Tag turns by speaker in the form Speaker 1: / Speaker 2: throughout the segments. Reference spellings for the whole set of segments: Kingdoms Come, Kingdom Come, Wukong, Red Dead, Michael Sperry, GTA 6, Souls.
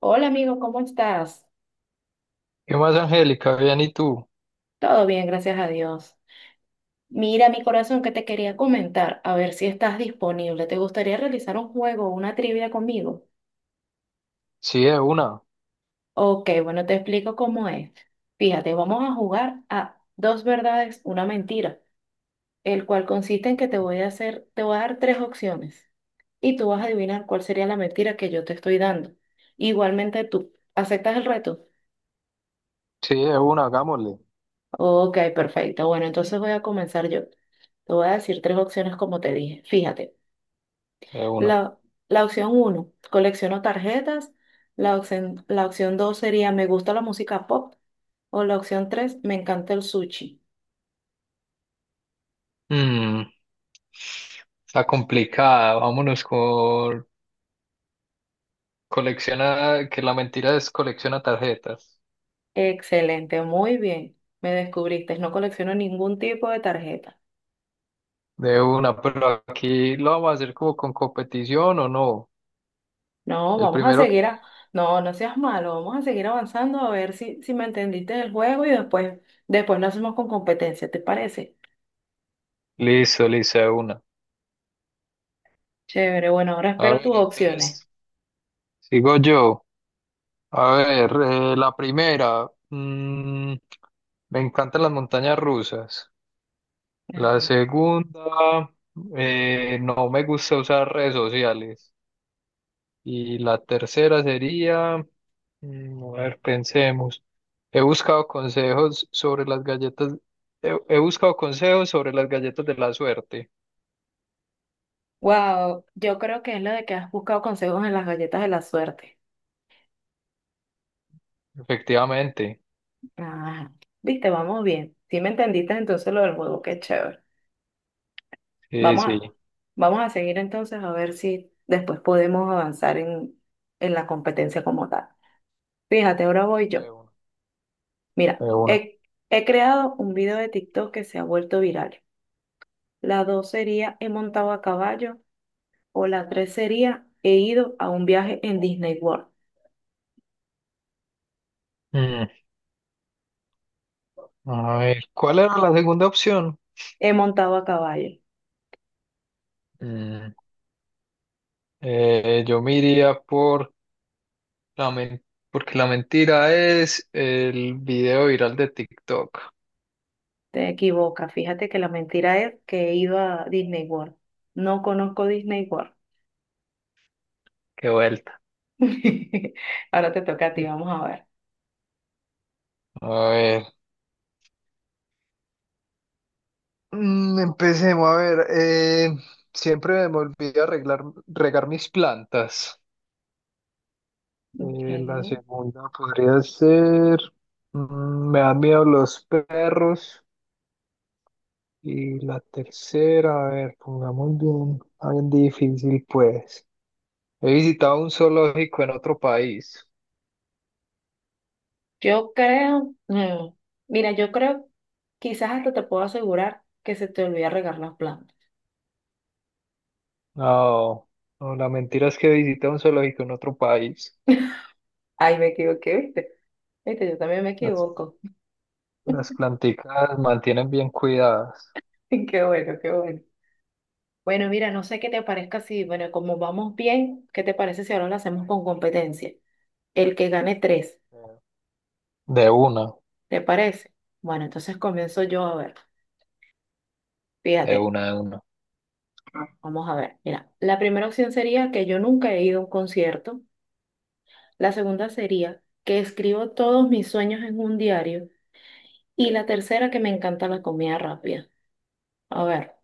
Speaker 1: Hola amigo, ¿cómo estás?
Speaker 2: ¿Qué más, Angélica? Bien, ¿y tú?
Speaker 1: Todo bien, gracias a Dios. Mira, mi corazón, que te quería comentar, a ver si estás disponible. ¿Te gustaría realizar un juego o una trivia conmigo?
Speaker 2: Sí, de una.
Speaker 1: Ok, bueno, te explico cómo es. Fíjate, vamos a jugar a dos verdades, una mentira, el cual consiste en que te voy a hacer, te voy a dar tres opciones y tú vas a adivinar cuál sería la mentira que yo te estoy dando. Igualmente tú, ¿aceptas el reto?
Speaker 2: Sí, de una, hagámosle.
Speaker 1: Ok, perfecto. Bueno, entonces voy a comenzar yo. Te voy a decir tres opciones como te dije. Fíjate,
Speaker 2: De una.
Speaker 1: la, la opción uno, colecciono tarjetas. La opción dos sería, me gusta la música pop. O la opción tres, me encanta el sushi.
Speaker 2: Mm, Está complicada. Vámonos con colecciona, que la mentira es colecciona tarjetas.
Speaker 1: Excelente, muy bien. Me descubriste, no colecciono ningún tipo de tarjeta.
Speaker 2: De una, pero aquí lo vamos a hacer como con competición o no.
Speaker 1: No,
Speaker 2: El
Speaker 1: vamos a
Speaker 2: primero que...
Speaker 1: seguir a... No, no seas malo, vamos a seguir avanzando a ver si me entendiste el juego y después lo hacemos con competencia, ¿te parece?
Speaker 2: Listo, listo, de una.
Speaker 1: Chévere, bueno, ahora
Speaker 2: A
Speaker 1: espero
Speaker 2: ver,
Speaker 1: tus opciones.
Speaker 2: entonces, sigo yo. A ver, la primera. Me encantan las montañas rusas. La segunda, no me gusta usar redes sociales. Y la tercera sería, a ver, pensemos. He buscado consejos sobre las galletas, he buscado consejos sobre las galletas de la suerte.
Speaker 1: Wow, yo creo que es lo de que has buscado consejos en las galletas de la suerte.
Speaker 2: Efectivamente.
Speaker 1: Ajá. Viste, vamos bien. Si me entendiste entonces lo del juego, qué chévere.
Speaker 2: Sí,
Speaker 1: Vamos
Speaker 2: sí.
Speaker 1: a, vamos a seguir entonces a ver si después podemos avanzar en la competencia como tal. Fíjate, ahora voy yo.
Speaker 2: De uno.
Speaker 1: Mira,
Speaker 2: De uno.
Speaker 1: he creado un video de TikTok que se ha vuelto viral. La dos sería he montado a caballo o la tres sería he ido a un viaje en Disney World.
Speaker 2: Mm, A ver, ¿cuál era la segunda opción?
Speaker 1: He montado a caballo.
Speaker 2: Mm, yo me iría por La men- porque la mentira es el video viral de TikTok.
Speaker 1: Te equivocas. Fíjate que la mentira es que he ido a Disney World. No conozco Disney World.
Speaker 2: Qué vuelta.
Speaker 1: Ahora te toca a ti, vamos a ver.
Speaker 2: A ver. Empecemos a ver. Siempre me olvido regar mis plantas. La
Speaker 1: Ok.
Speaker 2: segunda podría ser. Me dan miedo los perros. Y la tercera, a ver, pongamos bien, bien difícil, pues. He visitado un zoológico en otro país.
Speaker 1: Yo creo, mira, yo creo, quizás hasta te puedo asegurar que se te olvida regar las plantas.
Speaker 2: No, no, la mentira es que visita un zoológico en otro país.
Speaker 1: Ay, me equivoqué, ¿viste? Viste, yo también me
Speaker 2: Las,
Speaker 1: equivoco.
Speaker 2: las planticas mantienen bien cuidadas.
Speaker 1: Qué bueno, qué bueno. Bueno, mira, no sé qué te parezca si, bueno, como vamos bien, ¿qué te parece si ahora lo hacemos con competencia? El que gane tres,
Speaker 2: De una,
Speaker 1: ¿te parece? Bueno, entonces comienzo yo a ver.
Speaker 2: de
Speaker 1: Fíjate,
Speaker 2: una, de una.
Speaker 1: vamos a ver. Mira, la primera opción sería que yo nunca he ido a un concierto. La segunda sería que escribo todos mis sueños en un diario. Y la tercera, que me encanta la comida rápida. A ver.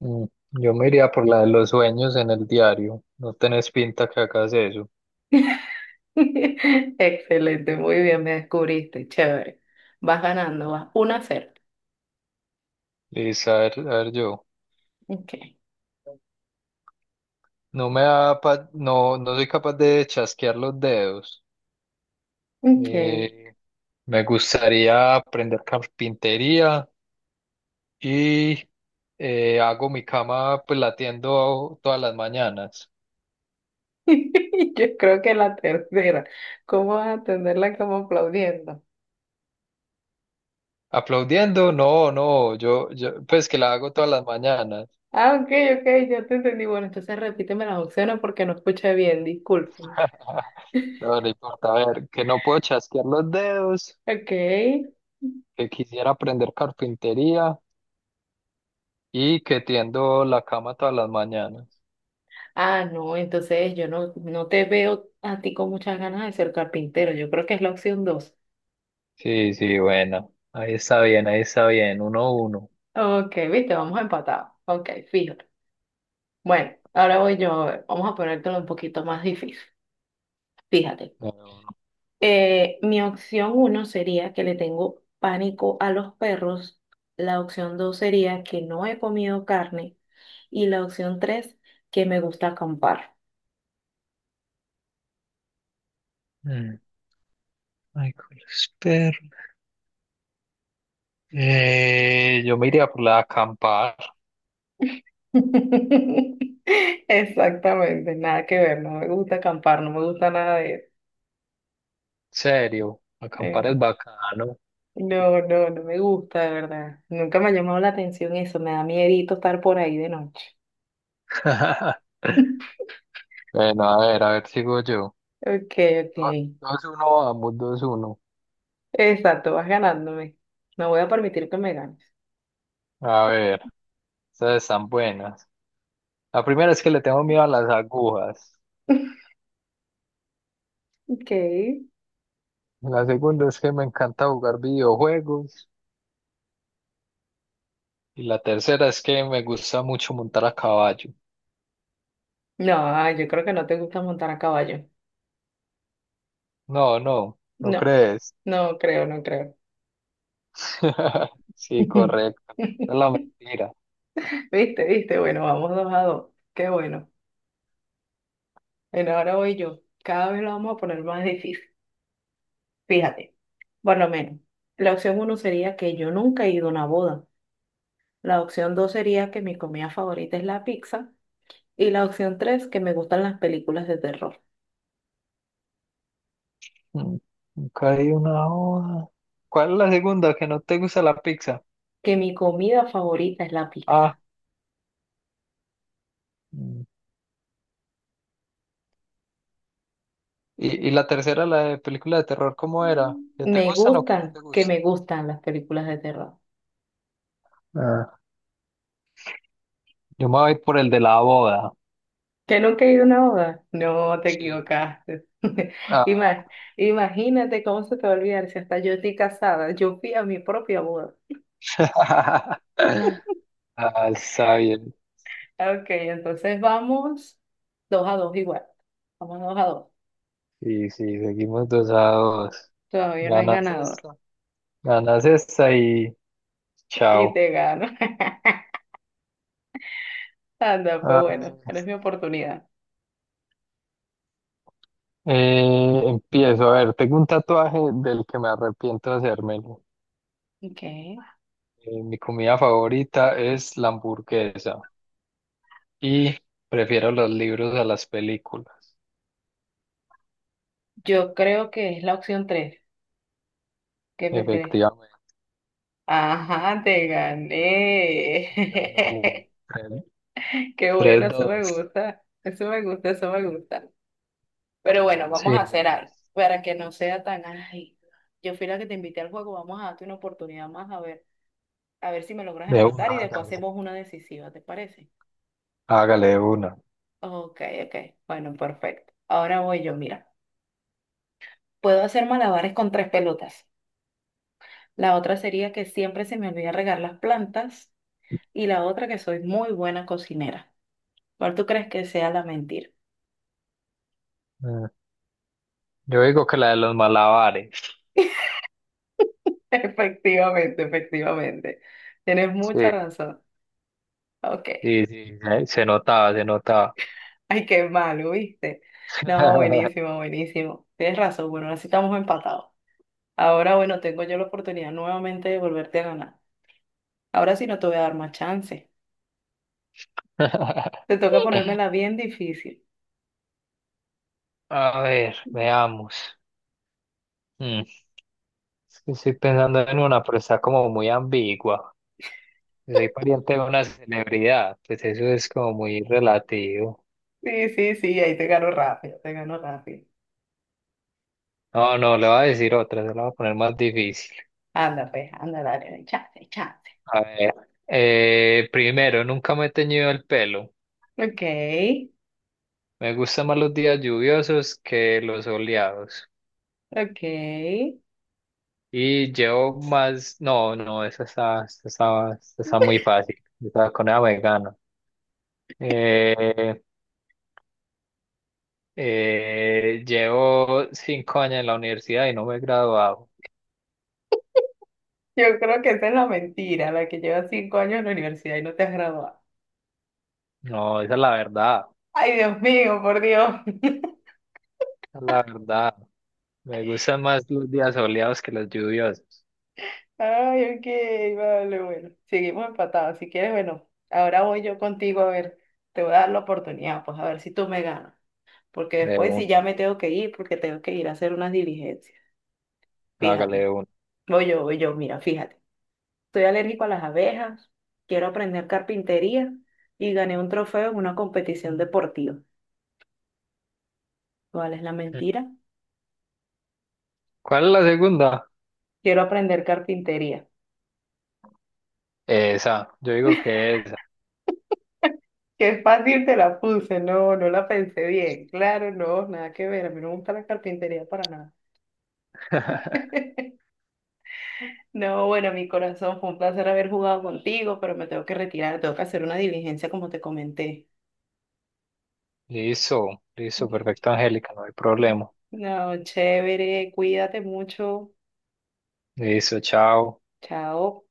Speaker 2: Mm, Yo me iría por la de los sueños en el diario. No tenés pinta que hagas eso.
Speaker 1: Excelente, muy bien, me descubriste. Chévere. Vas ganando, vas una a cero.
Speaker 2: Listo, a ver yo.
Speaker 1: Ok,
Speaker 2: No, no soy capaz de chasquear los dedos.
Speaker 1: ok.
Speaker 2: Eh, Me gustaría aprender carpintería. Y hago mi cama pues latiendo todas las mañanas.
Speaker 1: Yo creo que la tercera. ¿Cómo vas a atenderla como aplaudiendo?
Speaker 2: Aplaudiendo, no, no, yo pues que la hago todas las mañanas.
Speaker 1: Ah, ok, ok, ya te entendí. Bueno, entonces repíteme las opciones porque no escuché bien, disculpen.
Speaker 2: No, no importa, a ver, que no puedo chasquear los dedos,
Speaker 1: Ok.
Speaker 2: que quisiera aprender carpintería y que tiendo la cama todas las mañanas.
Speaker 1: Ah, no, entonces yo no te veo a ti con muchas ganas de ser carpintero. Yo creo que es la opción dos.
Speaker 2: Sí, sí, bueno, ahí está bien, uno a uno.
Speaker 1: Ok, viste, vamos empatados. Ok, fíjate. Bueno, ahora voy yo. A ver, vamos a ponértelo un poquito más difícil. Fíjate.
Speaker 2: Uno a uno.
Speaker 1: Mi opción uno sería que le tengo pánico a los perros. La opción dos sería que no he comido carne. Y la opción tres, que me gusta acampar.
Speaker 2: Mm, Michael Sperry. Yo me iría por la acampada.
Speaker 1: Exactamente, nada que ver, no me gusta acampar, no me gusta nada de eso.
Speaker 2: Serio, acampar
Speaker 1: Eh,
Speaker 2: es bacano.
Speaker 1: no, no, no me gusta, de verdad. Nunca me ha llamado la atención eso, me da miedito estar por ahí de noche.
Speaker 2: Bueno, a ver, sigo yo.
Speaker 1: Ok, ok.
Speaker 2: Do- 2-1, vamos, 2-1.
Speaker 1: Exacto, vas ganándome. No voy a permitir que me ganes.
Speaker 2: A ver, estas están buenas. La primera es que le tengo miedo a las agujas.
Speaker 1: Ok.
Speaker 2: La segunda es que me encanta jugar videojuegos. Y la tercera es que me gusta mucho montar a caballo.
Speaker 1: No, ay, yo creo que no te gusta montar a caballo.
Speaker 2: No, no, ¿no
Speaker 1: No,
Speaker 2: crees?
Speaker 1: no creo, no creo.
Speaker 2: Sí, correcto. Esa es la mentira.
Speaker 1: Viste, viste, bueno, vamos dos a dos. Qué bueno. Bueno, ahora voy yo. Cada vez lo vamos a poner más difícil. Fíjate, por lo menos. La opción uno sería que yo nunca he ido a una boda. La opción dos sería que mi comida favorita es la pizza. Y la opción tres, que me gustan las películas de terror.
Speaker 2: Mm, Nunca hay una hoja. ¿Cuál es la segunda? ¿Que no te gusta la pizza?
Speaker 1: Que mi comida favorita es la
Speaker 2: Ah.
Speaker 1: pizza.
Speaker 2: mm, y la tercera, la de película de terror, ¿cómo era? ¿Que te
Speaker 1: Me
Speaker 2: gustan o que no
Speaker 1: gustan,
Speaker 2: te
Speaker 1: que
Speaker 2: gustan?
Speaker 1: me gustan las películas de terror.
Speaker 2: Ah, yo me voy por el de la boda.
Speaker 1: ¿Que nunca he ido a una boda? No, te
Speaker 2: Sí.
Speaker 1: equivocaste.
Speaker 2: Ah.
Speaker 1: Ima- Imagínate cómo se te va a olvidar si hasta yo estoy casada. Yo fui a mi propia boda.
Speaker 2: Ah, está bien.
Speaker 1: Ok, entonces vamos dos a dos igual. Vamos dos a dos.
Speaker 2: Sí, sí, seguimos dos a dos.
Speaker 1: Todavía no hay
Speaker 2: Ganas
Speaker 1: ganador.
Speaker 2: esta, ganas esta y
Speaker 1: Y
Speaker 2: chao.
Speaker 1: te gano. Anda,
Speaker 2: A
Speaker 1: pues bueno,
Speaker 2: ver,
Speaker 1: ahora es mi oportunidad.
Speaker 2: empiezo. A ver, tengo un tatuaje del que me arrepiento de hacérmelo.
Speaker 1: Ok.
Speaker 2: Mi comida favorita es la hamburguesa y prefiero los libros a las películas.
Speaker 1: Yo creo que es la opción tres. ¿Qué me crees?
Speaker 2: Efectivamente,
Speaker 1: Ajá, te gané.
Speaker 2: ganó el
Speaker 1: Qué bueno, eso me
Speaker 2: 3-2.
Speaker 1: gusta. Eso me gusta, eso me gusta. Pero bueno, vamos
Speaker 2: Sí,
Speaker 1: a hacer
Speaker 2: no.
Speaker 1: algo para que no sea tan, ay, yo fui la que te invité al juego, vamos a darte una oportunidad más a ver. A ver si me logras
Speaker 2: De
Speaker 1: empatar y
Speaker 2: una,
Speaker 1: después
Speaker 2: hágale.
Speaker 1: hacemos una decisiva, ¿te parece?
Speaker 2: Hágale de una.
Speaker 1: Ok, ok. Bueno, perfecto. Ahora voy yo, mira. Puedo hacer malabares con tres pelotas. La otra sería que siempre se me olvida regar las plantas. Y la otra que soy muy buena cocinera. ¿Cuál tú crees que sea la mentira?
Speaker 2: Mm, Yo digo que la de los malabares.
Speaker 1: Efectivamente, efectivamente. Tienes mucha
Speaker 2: Sí,
Speaker 1: razón. Ok.
Speaker 2: sí, sí. Se notaba, se notaba.
Speaker 1: Ay, qué malo, ¿viste? No, buenísimo, buenísimo. Tienes razón. Bueno, así estamos empatados. Ahora, bueno, tengo yo la oportunidad nuevamente de volverte a ganar. Ahora sí no te voy a dar más chance. Te toca ponérmela bien difícil.
Speaker 2: A ver, veamos. Mm, Es que estoy pensando en una, pero está como muy ambigua. Si soy pariente de una celebridad, pues eso es como muy relativo.
Speaker 1: Sí, sí, sí, ahí te gano rápido, te gano rápido.
Speaker 2: No, no, le voy a decir otra, se la voy a poner más difícil.
Speaker 1: Anda, pues, anda, dale, chance, chance.
Speaker 2: A ver, primero, nunca me he teñido el pelo.
Speaker 1: Ok,
Speaker 2: Me gustan más los días lluviosos que los soleados.
Speaker 1: ok.
Speaker 2: Y llevo más, no, no, esa está muy fácil. Esa con ella me gano. Eh, llevo 5 años en la universidad y no me he graduado.
Speaker 1: Yo creo que esa es la mentira, la que llevas 5 años en la universidad y no te has graduado.
Speaker 2: No, esa es la verdad,
Speaker 1: Ay, Dios mío, por Dios.
Speaker 2: esa es la verdad. Me gustan más los días soleados que los lluviosos.
Speaker 1: Ay, ok, vale, bueno. Seguimos empatados. Si quieres, bueno, ahora voy yo contigo a ver. Te voy a dar la oportunidad, pues a ver si tú me ganas, porque
Speaker 2: De
Speaker 1: después sí
Speaker 2: uno,
Speaker 1: ya me tengo que ir, porque tengo que ir a hacer unas diligencias.
Speaker 2: hágale
Speaker 1: Fíjate,
Speaker 2: de uno.
Speaker 1: voy yo, mira, fíjate. Soy alérgico a las abejas, quiero aprender carpintería y gané un trofeo en una competición deportiva. ¿Cuál es la mentira?
Speaker 2: ¿Cuál es la segunda?
Speaker 1: Quiero aprender carpintería.
Speaker 2: Esa, yo digo que esa.
Speaker 1: Qué fácil te la puse, no, no la pensé bien. Claro, no, nada que ver, a mí no me gusta la carpintería para nada. No, bueno, mi corazón, fue un placer haber jugado contigo, pero me tengo que retirar, tengo que hacer una diligencia como te comenté.
Speaker 2: Listo, listo, perfecto, Angélica, no hay problema.
Speaker 1: No, chévere, cuídate mucho.
Speaker 2: Listo, chao.
Speaker 1: Chao.